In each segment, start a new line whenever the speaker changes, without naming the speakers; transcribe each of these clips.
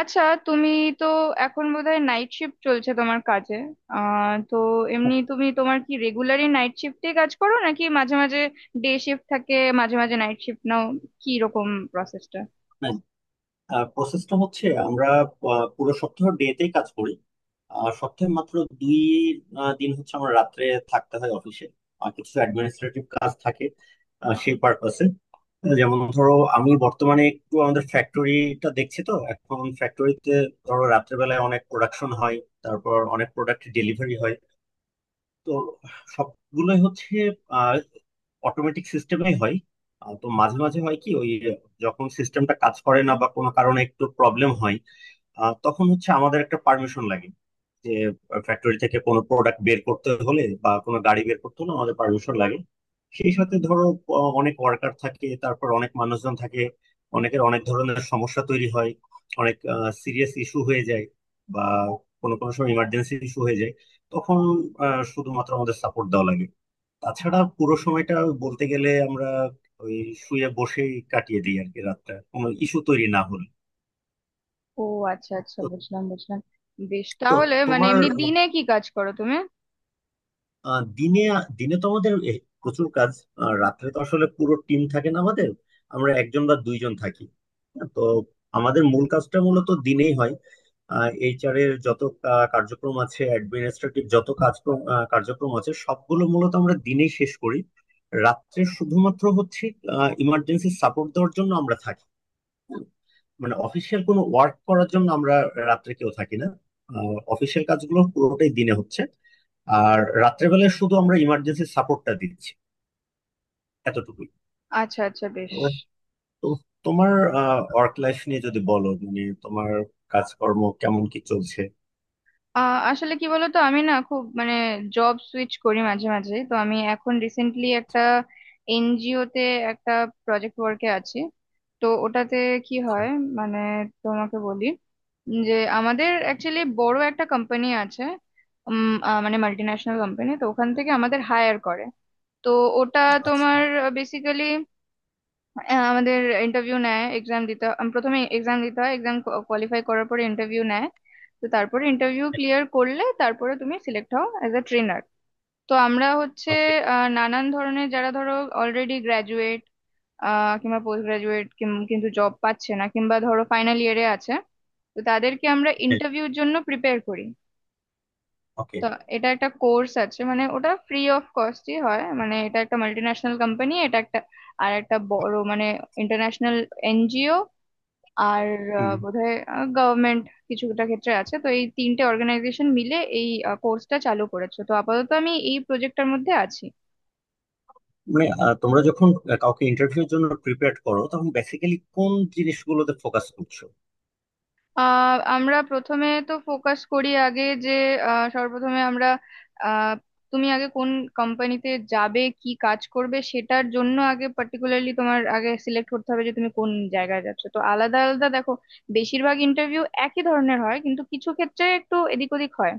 আচ্ছা, তুমি তো এখন বোধহয় নাইট শিফট চলছে তোমার কাজে। আহ তো
স্য
এমনি
সান
তুমি তোমার কি রেগুলারই নাইট শিফটে কাজ করো নাকি মাঝে মাঝে ডে শিফট থাকে, মাঝে মাঝে নাইট শিফট নাও? কি রকম প্রসেসটা?
স্যাাট্য়. প্রসেসটা হচ্ছে আমরা পুরো সপ্তাহ ডেতেই কাজ করি, আর সপ্তাহে মাত্র দুই দিন হচ্ছে আমার রাত্রে থাকতে হয় অফিসে। আর কিছু অ্যাডমিনিস্ট্রেটিভ কাজ থাকে, সেই পারপাসে। যেমন ধরো আমি বর্তমানে একটু আমাদের ফ্যাক্টরিটা দেখছি, তো এখন ফ্যাক্টরিতে ধরো রাত্রেবেলায় অনেক প্রোডাকশন হয়, তারপর অনেক প্রোডাক্ট ডেলিভারি হয়। তো সবগুলোই হচ্ছে অটোমেটিক সিস্টেমেই হয়। তো মাঝে মাঝে হয় কি, ওই যখন সিস্টেমটা কাজ করে না বা কোনো কারণে একটু প্রবলেম হয়, তখন হচ্ছে আমাদের একটা পারমিশন লাগে, যে ফ্যাক্টরি থেকে কোনো প্রোডাক্ট বের করতে হলে বা কোনো গাড়ি বের করতে হলে আমাদের পারমিশন লাগে। সেই সাথে ধরো, অনেক ওয়ার্কার থাকে, তারপর অনেক মানুষজন থাকে, অনেকের অনেক ধরনের সমস্যা তৈরি হয়, অনেক সিরিয়াস ইস্যু হয়ে যায় বা কোনো কোনো সময় ইমার্জেন্সি ইস্যু হয়ে যায়। তখন শুধুমাত্র আমাদের সাপোর্ট দেওয়া লাগে। তাছাড়া পুরো সময়টা বলতে গেলে আমরা ওই শুয়ে বসেই কাটিয়ে দিই আর কি, রাতটা কোনো ইস্যু তৈরি না হলে।
ও আচ্ছা আচ্ছা,
তো
বুঝলাম বুঝলাম। বেশ
তো
তাহলে, মানে
তোমার
এমনি দিনে কি কাজ করো তুমি?
দিনে দিনে তো আমাদের প্রচুর কাজ। আর রাত্রে তো আসলে পুরো টিম থাকে না আমাদের, আমরা একজন বা দুইজন থাকি। হ্যাঁ, তো আমাদের মূল কাজটা মূলত দিনেই হয়। এইচআর এর যত কার্যক্রম আছে, অ্যাডমিনিস্ট্রেটিভ যত কার্যক্রম আছে, সবগুলো মূলত আমরা দিনেই শেষ করি। রাত্রে শুধুমাত্র হচ্ছে ইমার্জেন্সি সাপোর্ট দেওয়ার জন্য আমরা থাকি। মানে অফিসিয়াল কোনো ওয়ার্ক করার জন্য আমরা রাত্রে কেউ থাকি না। অফিসিয়াল কাজগুলো পুরোটাই দিনে হচ্ছে, আর রাত্রেবেলায় শুধু আমরা ইমার্জেন্সি সাপোর্টটা দিচ্ছি, এতটুকুই।
আচ্ছা আচ্ছা, বেশ।
তো তো তোমার ওয়ার্ক লাইফ নিয়ে যদি বলো, মানে তোমার কাজকর্ম কেমন কি চলছে?
আহ আসলে কি বলতো, আমি না খুব মানে জব সুইচ করি মাঝে মাঝে, তো আমি এখন রিসেন্টলি একটা এনজিও তে একটা প্রজেক্ট ওয়ার্কে আছি। তো ওটাতে কি হয় মানে তোমাকে বলি যে আমাদের অ্যাকচুয়ালি বড় একটা কোম্পানি আছে, মানে মাল্টি ন্যাশনাল কোম্পানি, তো ওখান থেকে আমাদের হায়ার করে। তো ওটা
আচ্ছা।
তোমার বেসিক্যালি আমাদের ইন্টারভিউ নেয়, এক্সাম দিতে হয়। প্রথমে এক্সাম দিতে হয়, এক্সাম কোয়ালিফাই করার পরে ইন্টারভিউ নেয়। তো তারপরে ইন্টারভিউ ক্লিয়ার করলে তারপরে তুমি সিলেক্ট হও অ্যাজ এ ট্রেনার। তো আমরা হচ্ছে
ওকে।
নানান ধরনের, যারা ধরো অলরেডি গ্র্যাজুয়েট কিংবা পোস্ট গ্রাজুয়েট কিন্তু জব পাচ্ছে না, কিংবা ধরো ফাইনাল ইয়ারে আছে, তো তাদেরকে আমরা ইন্টারভিউর জন্য প্রিপেয়ার করি।
ওকে।
তো এটা একটা কোর্স আছে, মানে ওটা ফ্রি অফ কস্টই হয়। মানে এটা একটা মাল্টি ন্যাশনাল কোম্পানি, এটা একটা আর একটা বড় মানে ইন্টারন্যাশনাল এনজিও, আর
হুম।
বোধহয় গভর্নমেন্ট কিছুটা ক্ষেত্রে আছে, তো এই তিনটে অর্গানাইজেশন মিলে এই কোর্সটা চালু করেছে। তো আপাতত আমি এই প্রজেক্টটার মধ্যে আছি।
মানে তোমরা যখন কাউকে ইন্টারভিউর জন্য প্রিপেয়ার করো, তখন বেসিক্যালি কোন জিনিসগুলোতে ফোকাস করছো?
আমরা প্রথমে তো ফোকাস করি আগে যে সর্বপ্রথমে আমরা আহ, তুমি আগে কোন কোম্পানিতে যাবে, কি কাজ করবে, সেটার জন্য আগে পার্টিকুলারলি তোমার আগে সিলেক্ট করতে হবে যে তুমি কোন জায়গায় যাচ্ছ। তো আলাদা আলাদা দেখো, বেশিরভাগ ইন্টারভিউ একই ধরনের হয় কিন্তু কিছু ক্ষেত্রে একটু এদিক ওদিক হয়।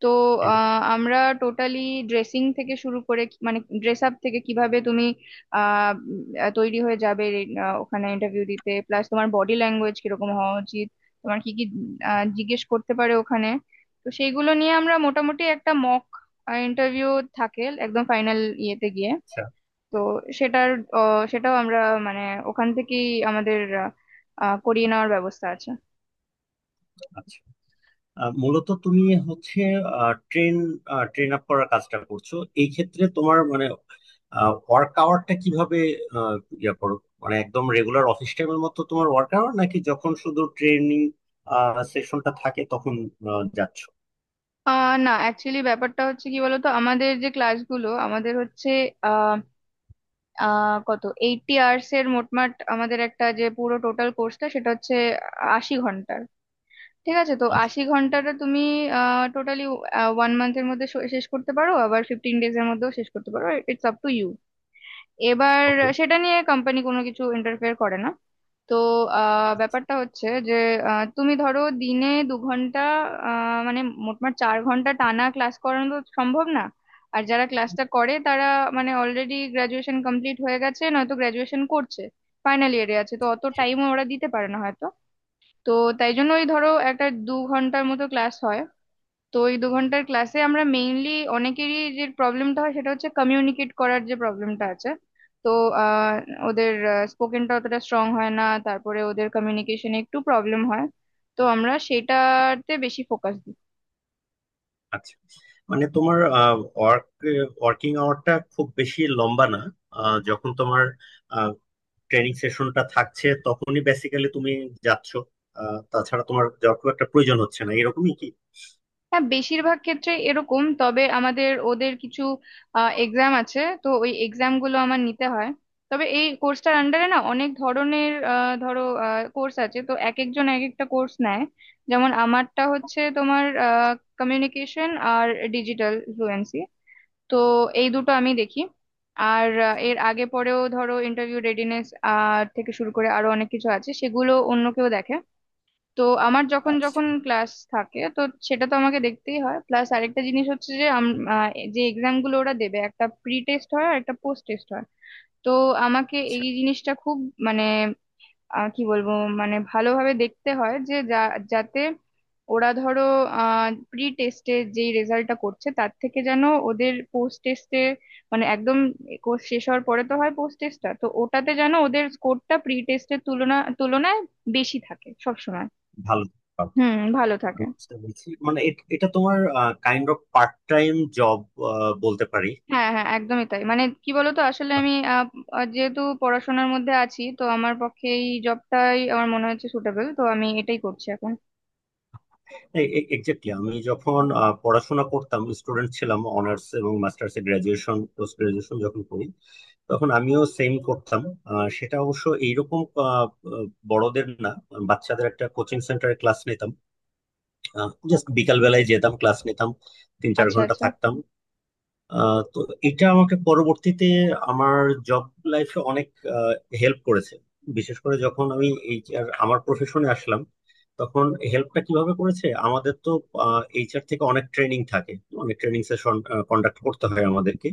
তো আমরা টোটালি ড্রেসিং থেকে শুরু করে মানে ড্রেস আপ থেকে কিভাবে তুমি তৈরি হয়ে যাবে ওখানে ইন্টারভিউ দিতে, প্লাস তোমার বডি ল্যাঙ্গুয়েজ কিরকম হওয়া উচিত, তোমার কি কি জিজ্ঞেস করতে পারে ওখানে। তো সেইগুলো নিয়ে আমরা মোটামুটি একটা মক ইন্টারভিউ থাকে একদম ফাইনাল ইয়েতে গিয়ে।
আচ্ছা।
তো সেটার সেটাও আমরা মানে ওখান থেকেই আমাদের আহ, আহ, করিয়ে নেওয়ার ব্যবস্থা আছে।
আচ্ছা। মূলত তুমি হচ্ছে ট্রেন ট্রেন আপ করার কাজটা করছো। এই ক্ষেত্রে তোমার মানে ওয়ার্ক আওয়ারটা কিভাবে আহ, ইয়ে করো? মানে একদম রেগুলার অফিস টাইমের মতো তোমার ওয়ার্ক আওয়ার, নাকি যখন শুধু ট্রেনিং সেশনটা থাকে তখন যাচ্ছ?
না, অ্যাকচুয়ালি ব্যাপারটা হচ্ছে কি বলতো, আমাদের যে ক্লাসগুলো আমাদের হচ্ছে আহ আহ কত 80 আওয়ার্স এর, মোটমাট আমাদের একটা যে পুরো টোটাল কোর্সটা সেটা হচ্ছে 80 ঘন্টার। ঠিক আছে, তো
আচ্ছা।
80 ঘন্টাটা তুমি টোটালি ওয়ান মান্থের মধ্যে শেষ করতে পারো, আবার 15 ডেজ এর মধ্যেও শেষ করতে পারো। ইটস আপ টু ইউ এবার,
ওকে।
সেটা নিয়ে কোম্পানি কোনো কিছু ইন্টারফেয়ার করে না। তো ব্যাপারটা হচ্ছে যে তুমি ধরো দিনে 2 ঘন্টা, মানে মোটমাট 4 ঘন্টা টানা ক্লাস করানো তো সম্ভব না। আর যারা ক্লাসটা করে তারা মানে অলরেডি গ্রাজুয়েশন কমপ্লিট হয়ে গেছে নয়তো গ্রাজুয়েশন করছে, ফাইনাল ইয়ারে আছে, তো অত টাইমও ওরা দিতে পারে না হয়তো। তো তাই জন্য ওই ধরো একটা 2 ঘন্টার মতো ক্লাস হয়। তো এই 2 ঘন্টার ক্লাসে আমরা মেইনলি অনেকেরই যে প্রবলেমটা হয় সেটা হচ্ছে কমিউনিকেট করার, যে প্রবলেমটা আছে। তো আহ, ওদের স্পোকেনটা অতটা স্ট্রং হয় না, তারপরে ওদের কমিউনিকেশনে একটু প্রবলেম হয়, তো আমরা সেটাতে বেশি ফোকাস দিই।
আচ্ছা, মানে তোমার ওয়ার্ক ওয়ার্কিং আওয়ারটা খুব বেশি লম্বা না। যখন তোমার ট্রেনিং সেশনটা থাকছে তখনই বেসিক্যালি তুমি যাচ্ছ, তাছাড়া তোমার যাওয়ার খুব একটা প্রয়োজন হচ্ছে না, এরকমই কি?
হ্যাঁ, বেশিরভাগ ক্ষেত্রে এরকম, তবে আমাদের ওদের কিছু এক্সাম আছে, তো ওই এক্সাম গুলো আমার নিতে হয়। তবে এই কোর্সটার আন্ডারে না অনেক ধরনের ধরো কোর্স আছে, তো এক একজন এক একটা কোর্স নেয়। যেমন আমারটা হচ্ছে তোমার কমিউনিকেশন আর ডিজিটাল ফ্লুয়েন্সি, তো এই দুটো আমি দেখি। আর এর আগে পরেও ধরো ইন্টারভিউ রেডিনেস থেকে শুরু করে আরো অনেক কিছু আছে, সেগুলো অন্য কেউ দেখে। তো আমার যখন
আচ্ছা।
যখন ক্লাস থাকে, তো সেটা তো আমাকে দেখতেই হয়। প্লাস আরেকটা জিনিস হচ্ছে যে যে এক্সাম গুলো ওরা দেবে, একটা প্রি টেস্ট হয় আর একটা পোস্ট টেস্ট হয়। তো আমাকে এই
আচ্ছা।
জিনিসটা খুব মানে কি বলবো, মানে ভালোভাবে দেখতে হয় যে যাতে ওরা ধরো প্রি টেস্টে যেই রেজাল্টটা করছে তার থেকে যেন ওদের পোস্ট টেস্টে মানে একদম কোর্স শেষ হওয়ার পরে তো হয় পোস্ট টেস্টটা, তো ওটাতে যেন ওদের স্কোরটা প্রি টেস্টের তুলনায় বেশি থাকে সবসময়।
ভালো, ভালো।
হুম, ভালো থাকে।
আমি বুঝতে পেরেছি। মানে এটা তোমার kind of part time job বলতে পারি।
হ্যাঁ হ্যাঁ, একদমই তাই, মানে কি বলতো আসলে আমি আহ, আহ, যেহেতু পড়াশোনার মধ্যে আছি তো আমার পক্ষে এই জবটাই আমার মনে হচ্ছে সুটেবল, তো আমি এটাই করছি এখন।
এক্স্যাক্টলি, আমি যখন পড়াশোনা করতাম, স্টুডেন্ট ছিলাম, অনার্স এবং মাস্টার্স এর গ্রাজুয়েশন পোস্ট গ্রাজুয়েশন যখন করি, তখন আমিও সেম করতাম। সেটা অবশ্য এইরকম আহ, আহ, বড়দের না, বাচ্চাদের একটা কোচিং সেন্টারে ক্লাস নিতাম। জাস্ট বিকাল বেলায় যেতাম, ক্লাস নিতাম, তিন চার
আচ্ছা
ঘন্টা
আচ্ছা।
থাকতাম। তো এটা আমাকে পরবর্তীতে আমার জব লাইফে অনেক হেল্প করেছে, বিশেষ করে যখন আমি এইচআর আমার প্রফেশনে আসলাম তখন। হেল্পটা কিভাবে করেছে, আমাদের তো এইচআর থেকে অনেক ট্রেনিং থাকে, অনেক ট্রেনিং সেশন কন্ডাক্ট করতে হয় আমাদেরকে।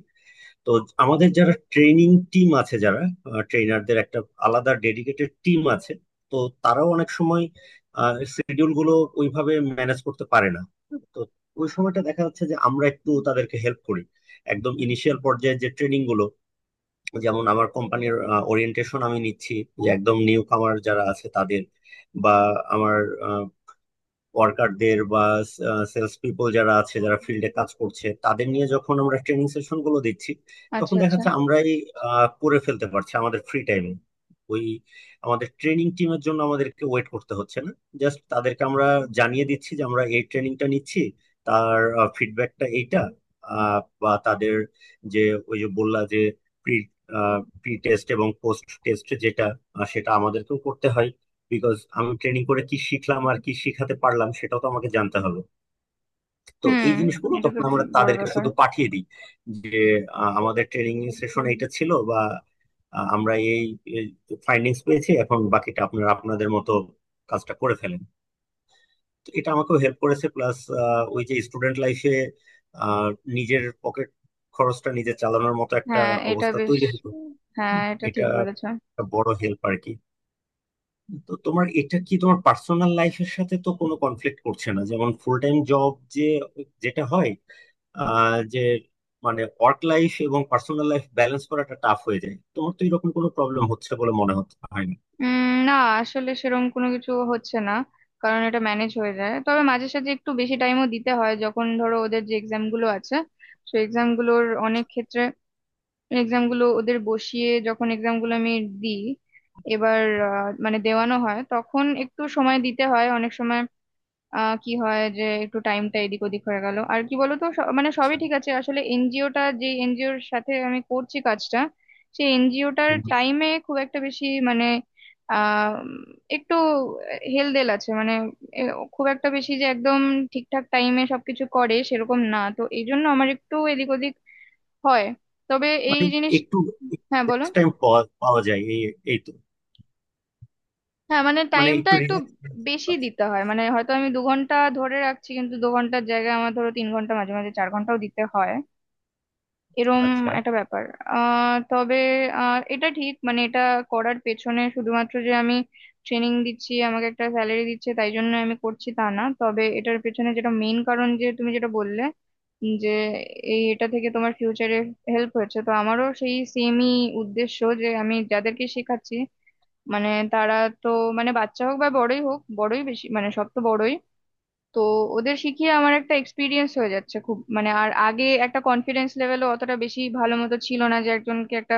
তো আমাদের যারা ট্রেনিং টিম আছে, যারা ট্রেনারদের একটা আলাদা ডেডিকেটেড টিম আছে, তো তারাও অনেক সময় শিডিউল গুলো ওইভাবে ম্যানেজ করতে পারে না। তো ওই সময়টা দেখা যাচ্ছে যে আমরা একটু তাদেরকে হেল্প করি। একদম ইনিশিয়াল পর্যায়ে যে ট্রেনিং গুলো, যেমন আমার কোম্পানির ওরিয়েন্টেশন আমি নিচ্ছি, যে একদম নিউ কামার যারা আছে তাদের, বা আমার ওয়ার্কারদের বা সেলস পিপল যারা আছে যারা ফিল্ডে কাজ করছে তাদের নিয়ে যখন আমরা ট্রেনিং সেশন গুলো দিচ্ছি,
আচ্ছা
তখন দেখা
আচ্ছা।
যাচ্ছে আমরাই করে ফেলতে পারছি আমাদের ফ্রি টাইমে। ওই আমাদের ট্রেনিং টিমের জন্য আমাদেরকে ওয়েট করতে হচ্ছে না। জাস্ট তাদেরকে আমরা জানিয়ে দিচ্ছি যে আমরা এই ট্রেনিংটা নিচ্ছি, তার ফিডব্যাকটা এইটা। বা তাদের, যে ওই যে বললা যে প্রি প্রি টেস্ট এবং পোস্ট টেস্ট যেটা, সেটা আমাদেরকেও করতে হয়। বিকজ আমি ট্রেনিং করে কি শিখলাম আর কি শিখাতে পারলাম সেটাও তো আমাকে জানতে হবে। তো
হুম,
এই জিনিসগুলো
এটা তো
তখন আমরা
বড়
তাদেরকে
ব্যাপার।
শুধু পাঠিয়ে দিই, যে আমাদের ট্রেনিং সেশন এইটা ছিল বা আমরা এই ফাইন্ডিংস পেয়েছি, এখন বাকিটা আপনারা আপনাদের মতো কাজটা করে ফেলেন। তো এটা আমাকেও হেল্প করেছে, প্লাস ওই যে স্টুডেন্ট লাইফে নিজের পকেট খরচটা নিজে চালানোর মতো একটা
হ্যাঁ, এটা
অবস্থা
বেশ।
তৈরি হতো।
হ্যাঁ, এটা ঠিক
এটা
বলেছ।
একটা বড় হেল্প আর কি। তো তোমার এটা কি তোমার পার্সোনাল লাইফের সাথে তো কোনো কনফ্লিক্ট করছে না? যেমন ফুল টাইম জব যে যেটা হয়, যে মানে ওয়ার্ক লাইফ এবং পার্সোনাল লাইফ ব্যালেন্স করাটা টাফ হয়ে যায়, তোমার তো এরকম কোনো প্রবলেম হচ্ছে বলে মনে হচ্ছে, হয় না?
না, আসলে সেরকম কোনো কিছু হচ্ছে না, কারণ এটা ম্যানেজ হয়ে যায়। তবে মাঝে সাঝে একটু বেশি টাইমও দিতে হয় যখন ধরো ওদের যে এক্সাম গুলো আছে, সেই এক্সাম গুলোর অনেক ক্ষেত্রে এক্সাম গুলো ওদের বসিয়ে যখন এক্সাম গুলো আমি দিই এবার, মানে দেওয়ানো হয় তখন একটু সময় দিতে হয় অনেক সময়। কি হয় যে একটু টাইমটা এদিক ওদিক হয়ে গেল আর কি বলতো মানে সবই ঠিক আছে, আসলে এনজিওটা যে এনজিওর সাথে আমি করছি কাজটা, সেই এনজিওটার টাইমে খুব একটা বেশি মানে আহ একটু হেলদেল আছে, মানে এ, খুব একটা বেশি যে একদম ঠিকঠাক টাইমে সবকিছু করে সেরকম না, তো এই জন্য আমার একটু এদিক ওদিক হয়। তবে এই
মানে
জিনিস
একটু
হ্যাঁ বলো।
টাইম পাওয়া পাওয়া যায়, এই এই তো,
হ্যাঁ মানে
মানে
টাইমটা
একটু
একটু
রিল্যাক্স।
বেশি দিতে হয়, মানে হয়তো আমি 2 ঘন্টা ধরে রাখছি কিন্তু 2 ঘন্টার জায়গায় আমার ধরো 3 ঘন্টা মাঝে মাঝে 4 ঘন্টাও দিতে হয়, এরম
আচ্ছা।
একটা ব্যাপার। তবে এটা ঠিক, মানে এটা করার পেছনে শুধুমাত্র যে আমি ট্রেনিং দিচ্ছি আমাকে একটা স্যালারি দিচ্ছে তাই জন্য আমি করছি তা না, তবে এটার পেছনে যেটা মেইন কারণ যে তুমি যেটা বললে যে এই এটা থেকে তোমার ফিউচারে হেল্প হয়েছে, তো আমারও সেই সেমই উদ্দেশ্য যে আমি যাদেরকে শেখাচ্ছি মানে তারা তো মানে বাচ্চা হোক বা বড়ই হোক, বড়ই বেশি মানে সব তো বড়ই, তো ওদের শিখিয়ে আমার একটা এক্সপিরিয়েন্স হয়ে যাচ্ছে খুব মানে। আর আগে একটা কনফিডেন্স লেভেলও অতটা বেশি ভালো মতো ছিল না যে একজনকে একটা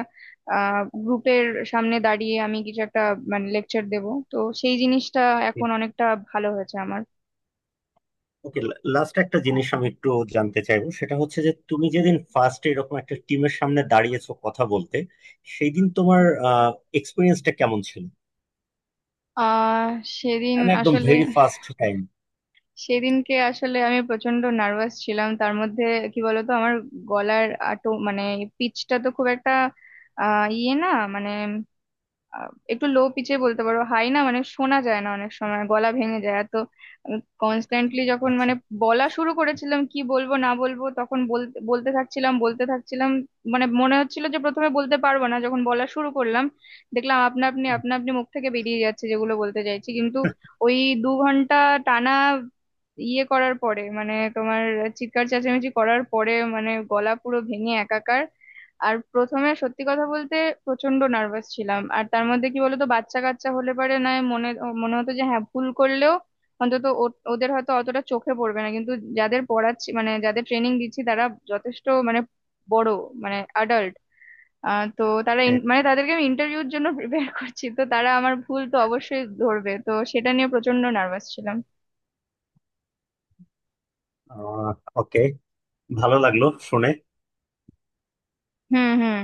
গ্রুপের সামনে দাঁড়িয়ে আমি কিছু একটা মানে লেকচার দেব, তো সেই জিনিসটা এখন অনেকটা ভালো হয়েছে আমার।
ওকে। লাস্ট একটা জিনিস আমি একটু জানতে চাইবো, সেটা হচ্ছে যে তুমি যেদিন ফার্স্ট এরকম একটা টিমের সামনে দাঁড়িয়েছো কথা বলতে, সেই দিন তোমার এক্সপিরিয়েন্সটা কেমন ছিল?
আহ সেদিন
মানে একদম
আসলে
ভেরি ফার্স্ট টাইম।
সেদিনকে আসলে আমি প্রচন্ড নার্ভাস ছিলাম, তার মধ্যে কি বলতো আমার গলার আটো মানে পিচটা তো খুব একটা ইয়ে না, মানে আহ, একটু লো পিচে বলতে পারো, হাই না, মানে শোনা যায় না অনেক সময়, গলা ভেঙে যায় এত কনস্ট্যান্টলি যখন
আচ্ছা।
মানে বলা শুরু করেছিলাম, কি বলবো না বলবো তখন বলতে বলতে থাকছিলাম বলতে থাকছিলাম। মানে মনে হচ্ছিল যে প্রথমে বলতে পারবো না, যখন বলা শুরু করলাম দেখলাম আপনা আপনি আপনা আপনি মুখ থেকে বেরিয়ে যাচ্ছে যেগুলো বলতে চাইছি, কিন্তু ওই 2 ঘন্টা টানা ইয়ে করার পরে মানে তোমার চিৎকার চেঁচামেচি করার পরে মানে গলা পুরো ভেঙে একাকার। আর প্রথমে সত্যি কথা বলতে প্রচন্ড নার্ভাস ছিলাম, আর তার মধ্যে কি বলতো বাচ্চা কাচ্চা হলে পারে না, মনে মনে হতো যে হ্যাঁ ভুল করলেও অন্তত ওদের হয়তো অতটা চোখে পড়বে না, কিন্তু যাদের পড়াচ্ছি মানে যাদের ট্রেনিং দিচ্ছি তারা যথেষ্ট মানে বড়, মানে অ্যাডাল্ট। তো তারা
হ্যাঁ,
মানে তাদেরকে আমি ইন্টারভিউর জন্য প্রিপেয়ার করছি, তো তারা আমার ভুল তো অবশ্যই ধরবে, তো সেটা নিয়ে প্রচন্ড নার্ভাস ছিলাম।
ওকে, ভালো লাগলো শুনে।
হুম হুম।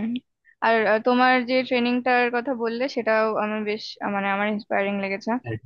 আর তোমার যে ট্রেনিংটার কথা বললে সেটাও আমি বেশ মানে আমার ইন্সপায়ারিং লেগেছে।
হ্যাঁ।